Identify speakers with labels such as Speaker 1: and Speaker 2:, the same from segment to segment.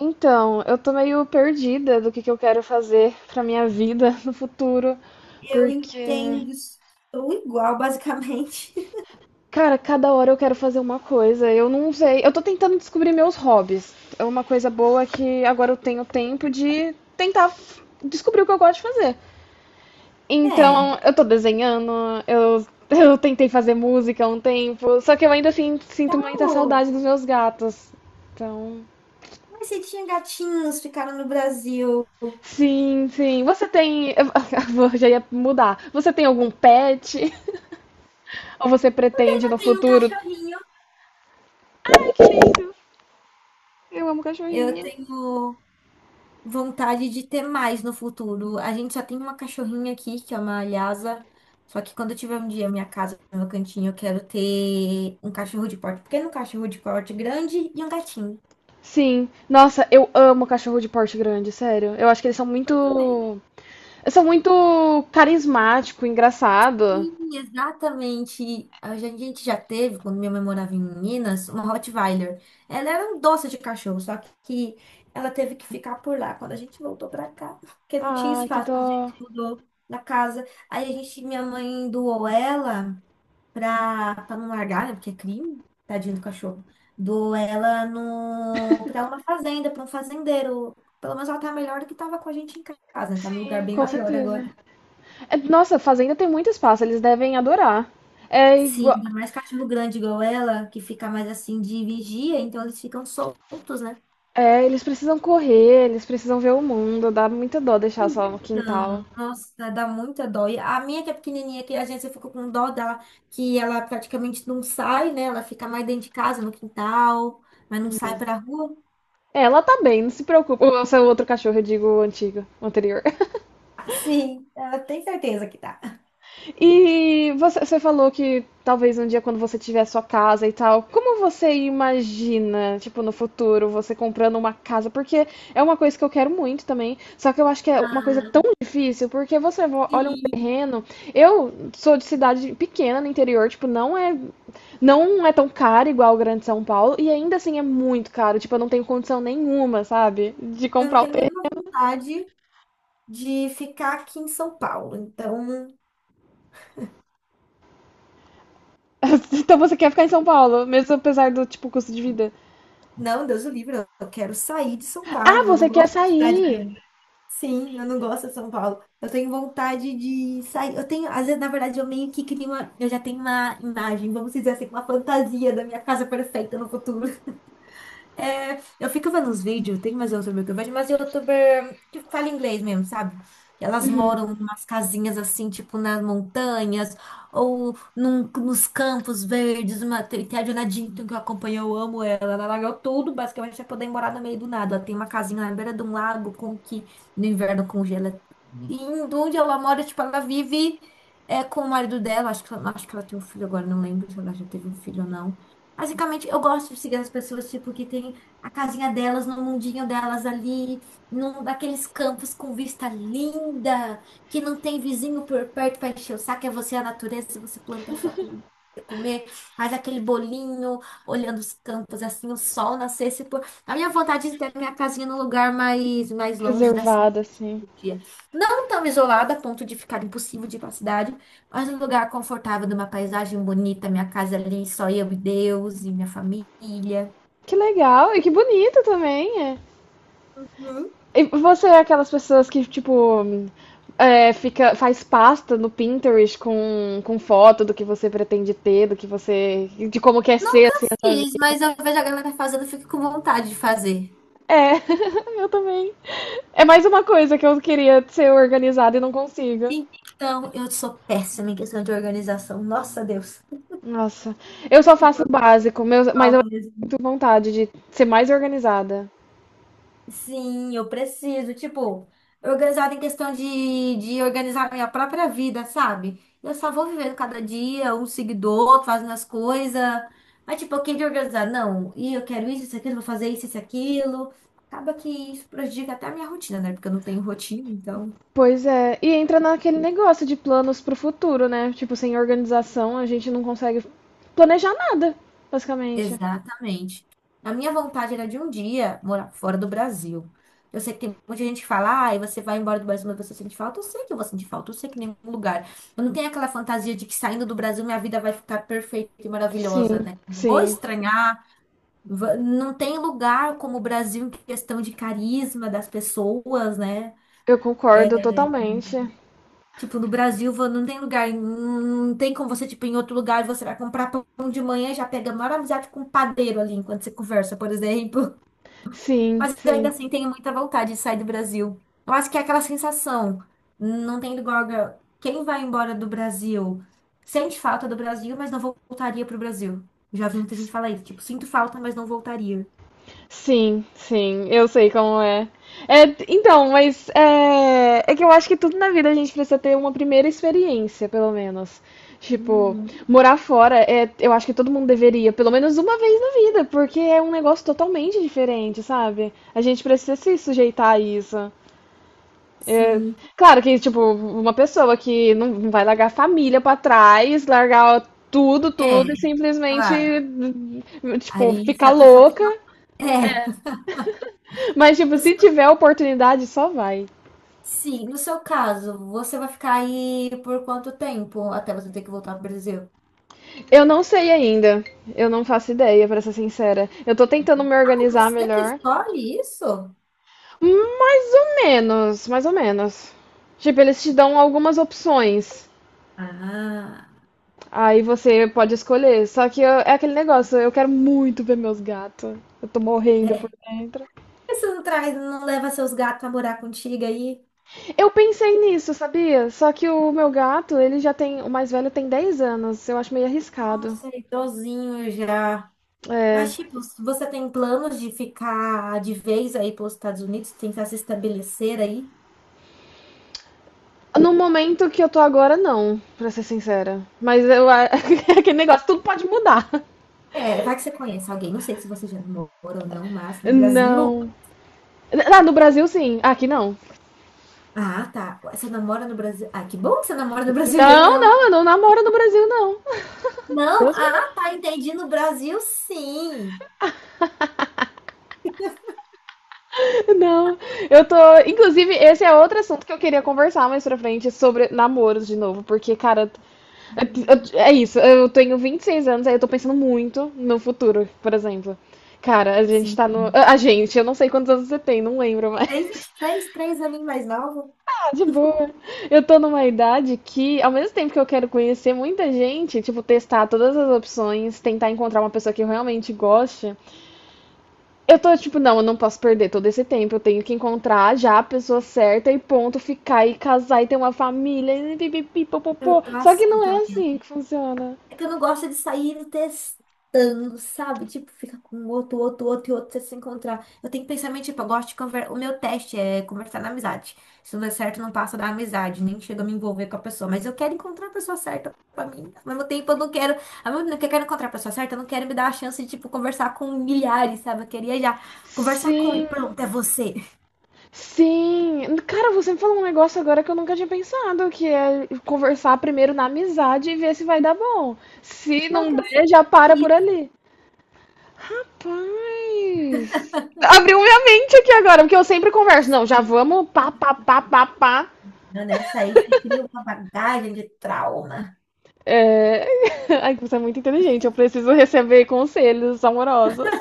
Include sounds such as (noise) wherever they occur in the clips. Speaker 1: Então, eu tô meio perdida do que eu quero fazer pra minha vida (laughs) no futuro,
Speaker 2: Eu
Speaker 1: porque,
Speaker 2: entendo estou igual, basicamente. (laughs)
Speaker 1: cara, cada hora eu quero fazer uma coisa, eu não sei. Eu tô tentando descobrir meus hobbies. É uma coisa boa que agora eu tenho tempo de tentar descobrir o que eu gosto de fazer.
Speaker 2: É,
Speaker 1: Então, eu tô desenhando, eu, (laughs) eu tentei fazer música há um tempo, só que eu ainda assim, sinto muita
Speaker 2: tal.
Speaker 1: saudade dos meus gatos. Então.
Speaker 2: Mas você tinha gatinhos, ficaram no Brasil.
Speaker 1: Sim, sim. Você tem. (laughs) Eu já ia mudar. Você tem algum pet? (laughs) Ou você pretende no
Speaker 2: Eu tenho um
Speaker 1: futuro?
Speaker 2: cachorrinho.
Speaker 1: Ai, que lindo! Eu amo
Speaker 2: Eu
Speaker 1: cachorrinho.
Speaker 2: tenho vontade de ter mais no futuro. A gente só tem uma cachorrinha aqui, que é uma Lhasa. Só que quando eu tiver um dia minha casa, meu cantinho, eu quero ter um cachorro de porte pequeno, um cachorro de porte grande e um gatinho.
Speaker 1: Sim. Nossa, eu amo cachorro de porte grande, sério. Eu acho que eles são muito. Eles são muito carismático, engraçado.
Speaker 2: Sim, exatamente. A gente já teve, quando minha mãe morava em Minas, uma Rottweiler. Ela era um doce de cachorro, só que ela teve que ficar por lá quando a gente voltou pra cá, porque não tinha
Speaker 1: Ai, que
Speaker 2: espaço,
Speaker 1: dó.
Speaker 2: quando a gente mudou da casa. Aí a gente, minha mãe doou ela pra não largar, né? Porque é crime, tadinho do cachorro. Doou ela no, pra uma fazenda, pra um fazendeiro. Pelo menos ela tá melhor do que tava com a gente em casa, né? Tá num lugar
Speaker 1: Sim,
Speaker 2: bem
Speaker 1: com
Speaker 2: maior agora.
Speaker 1: certeza. É, nossa, fazenda tem muito espaço, eles devem adorar. É
Speaker 2: Sim,
Speaker 1: igual.
Speaker 2: ainda mais cachorro grande igual ela, que fica mais assim de vigia, então eles ficam soltos, né?
Speaker 1: É, eles precisam correr, eles precisam ver o mundo, dá muita dó deixar só no
Speaker 2: Então,
Speaker 1: quintal.
Speaker 2: nossa, dá muita dó. E a minha que é pequenininha, que a gente ficou com dó dela, que ela praticamente não sai, né? Ela fica mais dentro de casa, no quintal, mas não sai pra rua.
Speaker 1: Ela tá bem, não se preocupa. O seu outro cachorro, eu digo antigo, anterior.
Speaker 2: Ah, sim, ela tem certeza que tá.
Speaker 1: E você falou que talvez um dia quando você tiver sua casa e tal, como você imagina, tipo, no futuro, você comprando uma casa? Porque é uma coisa que eu quero muito também, só que eu acho que é uma coisa tão difícil, porque você olha um
Speaker 2: Sim,
Speaker 1: terreno. Eu sou de cidade pequena no interior, tipo, não é tão caro igual o Grande São Paulo, e ainda assim é muito caro, tipo, eu não tenho condição nenhuma, sabe, de
Speaker 2: eu não
Speaker 1: comprar o
Speaker 2: tenho nenhuma vontade de ficar aqui em São Paulo. Então,
Speaker 1: (laughs) Então você quer ficar em São Paulo, mesmo apesar do tipo custo de vida.
Speaker 2: não, Deus o livre, eu quero sair de São
Speaker 1: Ah,
Speaker 2: Paulo. Eu não
Speaker 1: você quer
Speaker 2: gosto de cidade
Speaker 1: sair
Speaker 2: grande. Sim, eu não gosto de São Paulo. Eu tenho vontade de sair. Eu tenho, às vezes, na verdade, eu meio que crio uma. Eu já tenho uma imagem, vamos dizer assim, uma fantasia da minha casa perfeita no futuro. É, eu fico vendo os vídeos, tem mais youtuber que eu vejo, mas youtuber que fala inglês mesmo, sabe? Que elas moram em umas casinhas assim, tipo nas montanhas, ou nos campos verdes. Uma, tem a Jonah Dinton que eu acompanho, eu amo ela. Ela largou tudo, basicamente, pra poder morar no meio do nada. Ela tem uma casinha na beira de um lago com que no inverno congela indo onde ela mora, tipo, ela vive é, com o marido dela. Acho que ela tem um filho agora, não lembro se ela já teve um filho ou não. Basicamente, eu gosto de seguir as pessoas, tipo, que tem a casinha delas, no mundinho delas ali, num daqueles campos com vista linda, que não tem vizinho por perto para encher o saco, é você a natureza, você planta a sua comida. Comer, faz aquele bolinho, olhando os campos assim, o sol nascer, se pôr. A minha vontade é ter minha casinha num lugar mais longe da
Speaker 1: reservada, assim.
Speaker 2: dia. Não tão isolada a ponto de ficar impossível de ir para a cidade, mas um lugar confortável, numa paisagem bonita, minha casa ali, só eu e Deus e minha família.
Speaker 1: Que legal e que bonito também. É.
Speaker 2: Hum.
Speaker 1: E você é aquelas pessoas que, tipo, é, fica, faz pasta no Pinterest com foto do que você pretende ter, do que você. De como quer ser
Speaker 2: Nunca
Speaker 1: assim a sua vida.
Speaker 2: fiz, mas eu vejo a galera fazendo, eu fico com vontade de fazer.
Speaker 1: É, (laughs) eu também. É mais uma coisa que eu queria ser organizada e não consigo.
Speaker 2: Então, eu sou péssima em questão de organização. Nossa, Deus. (laughs)
Speaker 1: Nossa, eu só
Speaker 2: Tipo,
Speaker 1: faço
Speaker 2: eu
Speaker 1: o básico,
Speaker 2: sou
Speaker 1: mas eu
Speaker 2: algo
Speaker 1: tenho
Speaker 2: mesmo.
Speaker 1: vontade de ser mais organizada.
Speaker 2: Sim, eu preciso, tipo, organizada em questão de organizar minha própria vida, sabe? Eu só vou vivendo cada dia, um seguidor, fazendo as coisas. Mas, tipo, eu queria organizar, não, e eu quero isso, isso, aquilo, vou fazer isso, isso, aquilo. Acaba que isso prejudica até a minha rotina, né? Porque eu não tenho rotina, então.
Speaker 1: Pois é, e entra naquele negócio de planos pro futuro, né? Tipo, sem organização a gente não consegue planejar nada, basicamente.
Speaker 2: Exatamente. A minha vontade era de um dia morar fora do Brasil. Eu sei que tem muita gente que fala, ah, você vai embora do Brasil, mas você sente falta. Eu sei que eu vou sentir falta, eu sei que em nenhum lugar. Eu não tenho aquela fantasia de que saindo do Brasil minha vida vai ficar perfeita e maravilhosa,
Speaker 1: Sim,
Speaker 2: né? Vou
Speaker 1: sim,
Speaker 2: estranhar, não tem lugar como o Brasil em questão de carisma das pessoas, né?
Speaker 1: eu concordo totalmente.
Speaker 2: Tipo, no Brasil não tem lugar, não tem como você, tipo, em outro lugar você vai comprar pão de manhã e já pega a maior amizade com o padeiro ali enquanto você conversa, por exemplo.
Speaker 1: Sim,
Speaker 2: Mas eu ainda
Speaker 1: sim.
Speaker 2: assim tenho muita vontade de sair do Brasil. Eu acho que é aquela sensação, não tem igual. Quem vai embora do Brasil sente falta do Brasil, mas não voltaria pro Brasil. Já vi muita gente falar isso, tipo, sinto falta, mas não voltaria.
Speaker 1: Sim, sim, eu sei como é. É, então, mas é que eu acho que tudo na vida a gente precisa ter uma primeira experiência, pelo menos. Tipo,
Speaker 2: Uhum.
Speaker 1: morar fora, é, eu acho que todo mundo deveria, pelo menos uma vez na vida, porque é um negócio totalmente diferente, sabe? A gente precisa se sujeitar a isso. É,
Speaker 2: Sim,
Speaker 1: claro que, tipo, uma pessoa que não vai largar a família pra trás, largar tudo,
Speaker 2: é,
Speaker 1: tudo e simplesmente,
Speaker 2: claro.
Speaker 1: tipo,
Speaker 2: Aí se
Speaker 1: ficar
Speaker 2: a pessoa tem.
Speaker 1: louca.
Speaker 2: É.
Speaker 1: Mas, tipo,
Speaker 2: No
Speaker 1: se
Speaker 2: seu-
Speaker 1: tiver oportunidade, só vai.
Speaker 2: Sim, no seu caso, você vai ficar aí por quanto tempo até você ter que voltar pro Brasil?
Speaker 1: Eu não sei ainda. Eu não faço ideia, pra ser sincera. Eu tô tentando me
Speaker 2: Ah,
Speaker 1: organizar
Speaker 2: você que
Speaker 1: melhor.
Speaker 2: escolhe isso?
Speaker 1: Mais ou menos, mais ou menos. Tipo, eles te dão algumas opções.
Speaker 2: Ah.
Speaker 1: Aí você pode escolher. Só que é aquele negócio, eu quero muito ver meus gatos. Eu tô morrendo por dentro.
Speaker 2: Por que você não traz, não leva seus gatos a morar contigo aí?
Speaker 1: Eu pensei nisso, sabia? Só que o meu gato, ele já tem. O mais velho tem 10 anos. Eu acho meio arriscado.
Speaker 2: Nossa, é idosinho já.
Speaker 1: É.
Speaker 2: Mas, tipo, se você tem planos de ficar de vez aí pelos Estados Unidos, tentar se estabelecer aí?
Speaker 1: No momento que eu tô agora, não, pra ser sincera. Mas eu, (laughs) aquele negócio, tudo pode mudar.
Speaker 2: É, vai que você conhece alguém. Não sei se você já namora ou não, mas no Brasil.
Speaker 1: Não. Ah, no Brasil, sim. Aqui, não.
Speaker 2: Ah, tá. Ué, você namora no Brasil. Ah, que bom que você namora no Brasil e aí
Speaker 1: Não,
Speaker 2: não.
Speaker 1: não, eu não namoro no Brasil, não. (laughs)
Speaker 2: Não,
Speaker 1: Deus me
Speaker 2: ah,
Speaker 1: livre.
Speaker 2: tá. Entendi. No Brasil, sim.
Speaker 1: Não, eu tô. Inclusive, esse é outro assunto que eu queria conversar mais pra frente sobre namoros de novo, porque, cara,
Speaker 2: Hum,
Speaker 1: é isso. Eu tenho 26 anos, aí eu tô pensando muito no futuro, por exemplo. Cara, a gente
Speaker 2: sim.
Speaker 1: tá no. A gente, eu não sei quantos anos você tem, não lembro mais.
Speaker 2: Tem 23, três aninhos mais novo.
Speaker 1: De boa. Eu tô numa idade que, ao mesmo tempo que eu quero conhecer muita gente, tipo, testar todas as opções, tentar encontrar uma pessoa que eu realmente goste, eu tô tipo, não, eu não posso perder todo esse tempo, eu tenho que encontrar já a pessoa certa e ponto, ficar e casar e ter uma família e pipipi,
Speaker 2: Eu
Speaker 1: popopô.
Speaker 2: tô
Speaker 1: Só que
Speaker 2: assim
Speaker 1: não é
Speaker 2: também.
Speaker 1: assim que funciona.
Speaker 2: É que eu não gosto de sair testando, sabe? Tipo, fica com um outro, outro, outro e outro você se encontrar. Eu tenho que pensar, meio, tipo, eu gosto de conversar. O meu teste é conversar na amizade. Se não der certo, não passa da amizade, nem chega a me envolver com a pessoa. Mas eu quero encontrar a pessoa certa pra mim. Ao mesmo tempo, eu não quero. Ao mesmo tempo que eu quero encontrar a pessoa certa, eu não quero me dar a chance de, tipo, conversar com milhares, sabe? Eu queria já conversar com e
Speaker 1: Sim,
Speaker 2: pronto, é você. (laughs)
Speaker 1: sim. Cara, você me falou um negócio agora que eu nunca tinha pensado, que é conversar primeiro na amizade e ver se vai dar bom. Se
Speaker 2: É o
Speaker 1: não
Speaker 2: que eu
Speaker 1: der, já para por
Speaker 2: senti,
Speaker 1: ali. Rapaz! Abriu minha mente aqui agora, porque eu sempre converso. Não, já vamos pá, pá, pá, pá, pá.
Speaker 2: né? Isso aí você cria uma bagagem de trauma.
Speaker 1: É... (laughs) Ai, você é muito inteligente. Eu preciso receber conselhos amorosos.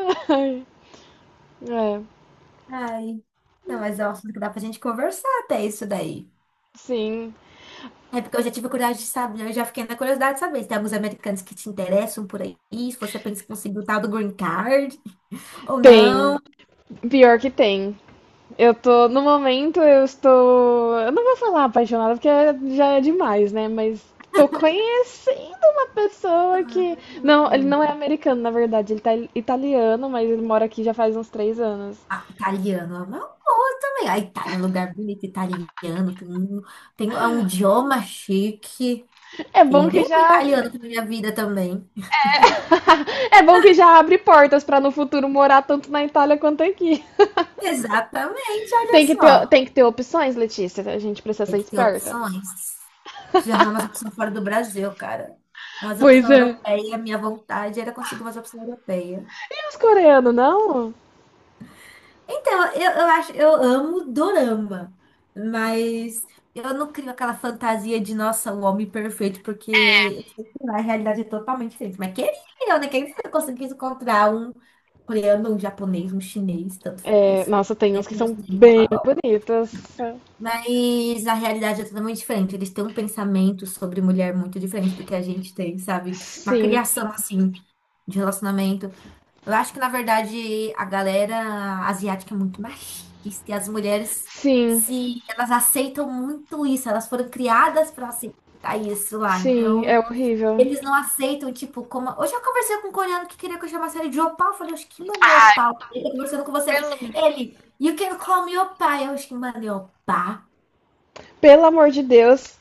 Speaker 1: (laughs) Ai, é,
Speaker 2: Ai. Não, mas é um assunto que dá pra gente conversar até isso daí.
Speaker 1: sim.
Speaker 2: É porque eu já tive curiosidade de saber, eu já fiquei na curiosidade de saber se tem alguns americanos que te interessam por aí, se você pensa em conseguir o tal do green card ou
Speaker 1: Tem.
Speaker 2: não.
Speaker 1: Pior que tem. Eu tô, no momento, eu estou. Eu não vou falar apaixonada porque já é demais, né? Mas tô conhecendo uma pessoa que. Não, ele
Speaker 2: Hum.
Speaker 1: não é americano, na verdade. Ele tá italiano, mas ele mora aqui já faz uns 3 anos.
Speaker 2: Ah, italiano é uma boa também. A Itália é um lugar bonito, italiano, tem um é um idioma chique.
Speaker 1: É
Speaker 2: Que
Speaker 1: bom
Speaker 2: é
Speaker 1: que
Speaker 2: o
Speaker 1: já
Speaker 2: italiano na minha vida também.
Speaker 1: (laughs) é bom que já abre portas para no futuro morar tanto na Itália quanto aqui. (laughs)
Speaker 2: Exatamente, olha só.
Speaker 1: Tem que ter opções, Letícia. A gente precisa
Speaker 2: Tem
Speaker 1: ser
Speaker 2: que ter
Speaker 1: esperta.
Speaker 2: opções. Preciso arrumar umas opções fora do Brasil, cara. Umas
Speaker 1: Pois
Speaker 2: opções
Speaker 1: é.
Speaker 2: europeias. Minha vontade era conseguir umas opções europeias.
Speaker 1: E os coreanos, não?
Speaker 2: Então, eu acho, eu amo dorama, mas eu não crio aquela fantasia de, nossa, o homem perfeito, porque eu sei que lá a realidade é totalmente diferente. Mas queria eu, né? Quem sabe eu conseguisse encontrar um coreano, um japonês, um chinês, tanto
Speaker 1: É,
Speaker 2: faz.
Speaker 1: nossa, tem
Speaker 2: Né?
Speaker 1: uns que
Speaker 2: Não
Speaker 1: são
Speaker 2: sei, tá
Speaker 1: bem
Speaker 2: bom.
Speaker 1: bonitos.
Speaker 2: Mas a realidade é totalmente diferente. Eles têm um pensamento sobre mulher muito diferente do que a gente tem, sabe? Uma
Speaker 1: Sim,
Speaker 2: criação, assim, de relacionamento. Eu acho que, na verdade, a galera asiática é muito machista. E as mulheres,
Speaker 1: sim,
Speaker 2: se elas aceitam muito isso, elas foram criadas para aceitar isso lá.
Speaker 1: sim,
Speaker 2: Então,
Speaker 1: é horrível.
Speaker 2: eles não aceitam, tipo, como. Hoje eu conversei com um coreano que queria que eu chamasse ele de opal. Eu falei, acho que mano é opal. Ele tá conversando com você. Ele, you can call me opal. Eu acho que mano é opal.
Speaker 1: Pelo amor de Deus.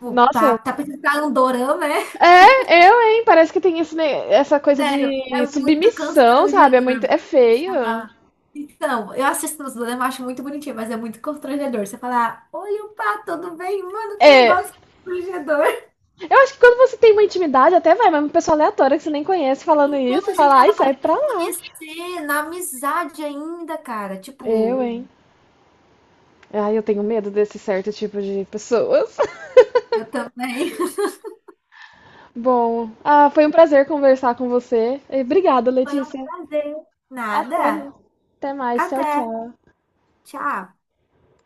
Speaker 2: Opa,
Speaker 1: Nossa,
Speaker 2: tá tá pensando que é um dorama, é?
Speaker 1: é, eu, hein? Parece que tem esse, essa coisa
Speaker 2: Sério,
Speaker 1: de
Speaker 2: é muito
Speaker 1: submissão, sabe? É
Speaker 2: constrangedor.
Speaker 1: muito,
Speaker 2: Vou
Speaker 1: é feio.
Speaker 2: chamar. Então, eu assisto os nos dorama, acho muito bonitinho, mas é muito constrangedor. Você falar, oi, opa, tudo bem? Mano, que
Speaker 1: É,
Speaker 2: negócio constrangedor.
Speaker 1: eu acho que quando você tem uma intimidade, até vai, mas uma pessoa aleatória que você nem conhece falando
Speaker 2: Então,
Speaker 1: isso,
Speaker 2: a gente
Speaker 1: fala, ai,
Speaker 2: tava
Speaker 1: sai
Speaker 2: começando a
Speaker 1: pra
Speaker 2: se
Speaker 1: lá.
Speaker 2: conhecer, na amizade ainda, cara.
Speaker 1: Eu,
Speaker 2: Tipo,
Speaker 1: hein? Ai, eu tenho medo desse certo tipo de pessoas. (laughs)
Speaker 2: eu também. (laughs)
Speaker 1: Bom, ah, foi um prazer conversar com você. E obrigada,
Speaker 2: Foi um
Speaker 1: Letícia.
Speaker 2: prazer.
Speaker 1: Até,
Speaker 2: Nada.
Speaker 1: até mais. Tchau,
Speaker 2: Até.
Speaker 1: tchau.
Speaker 2: Tchau.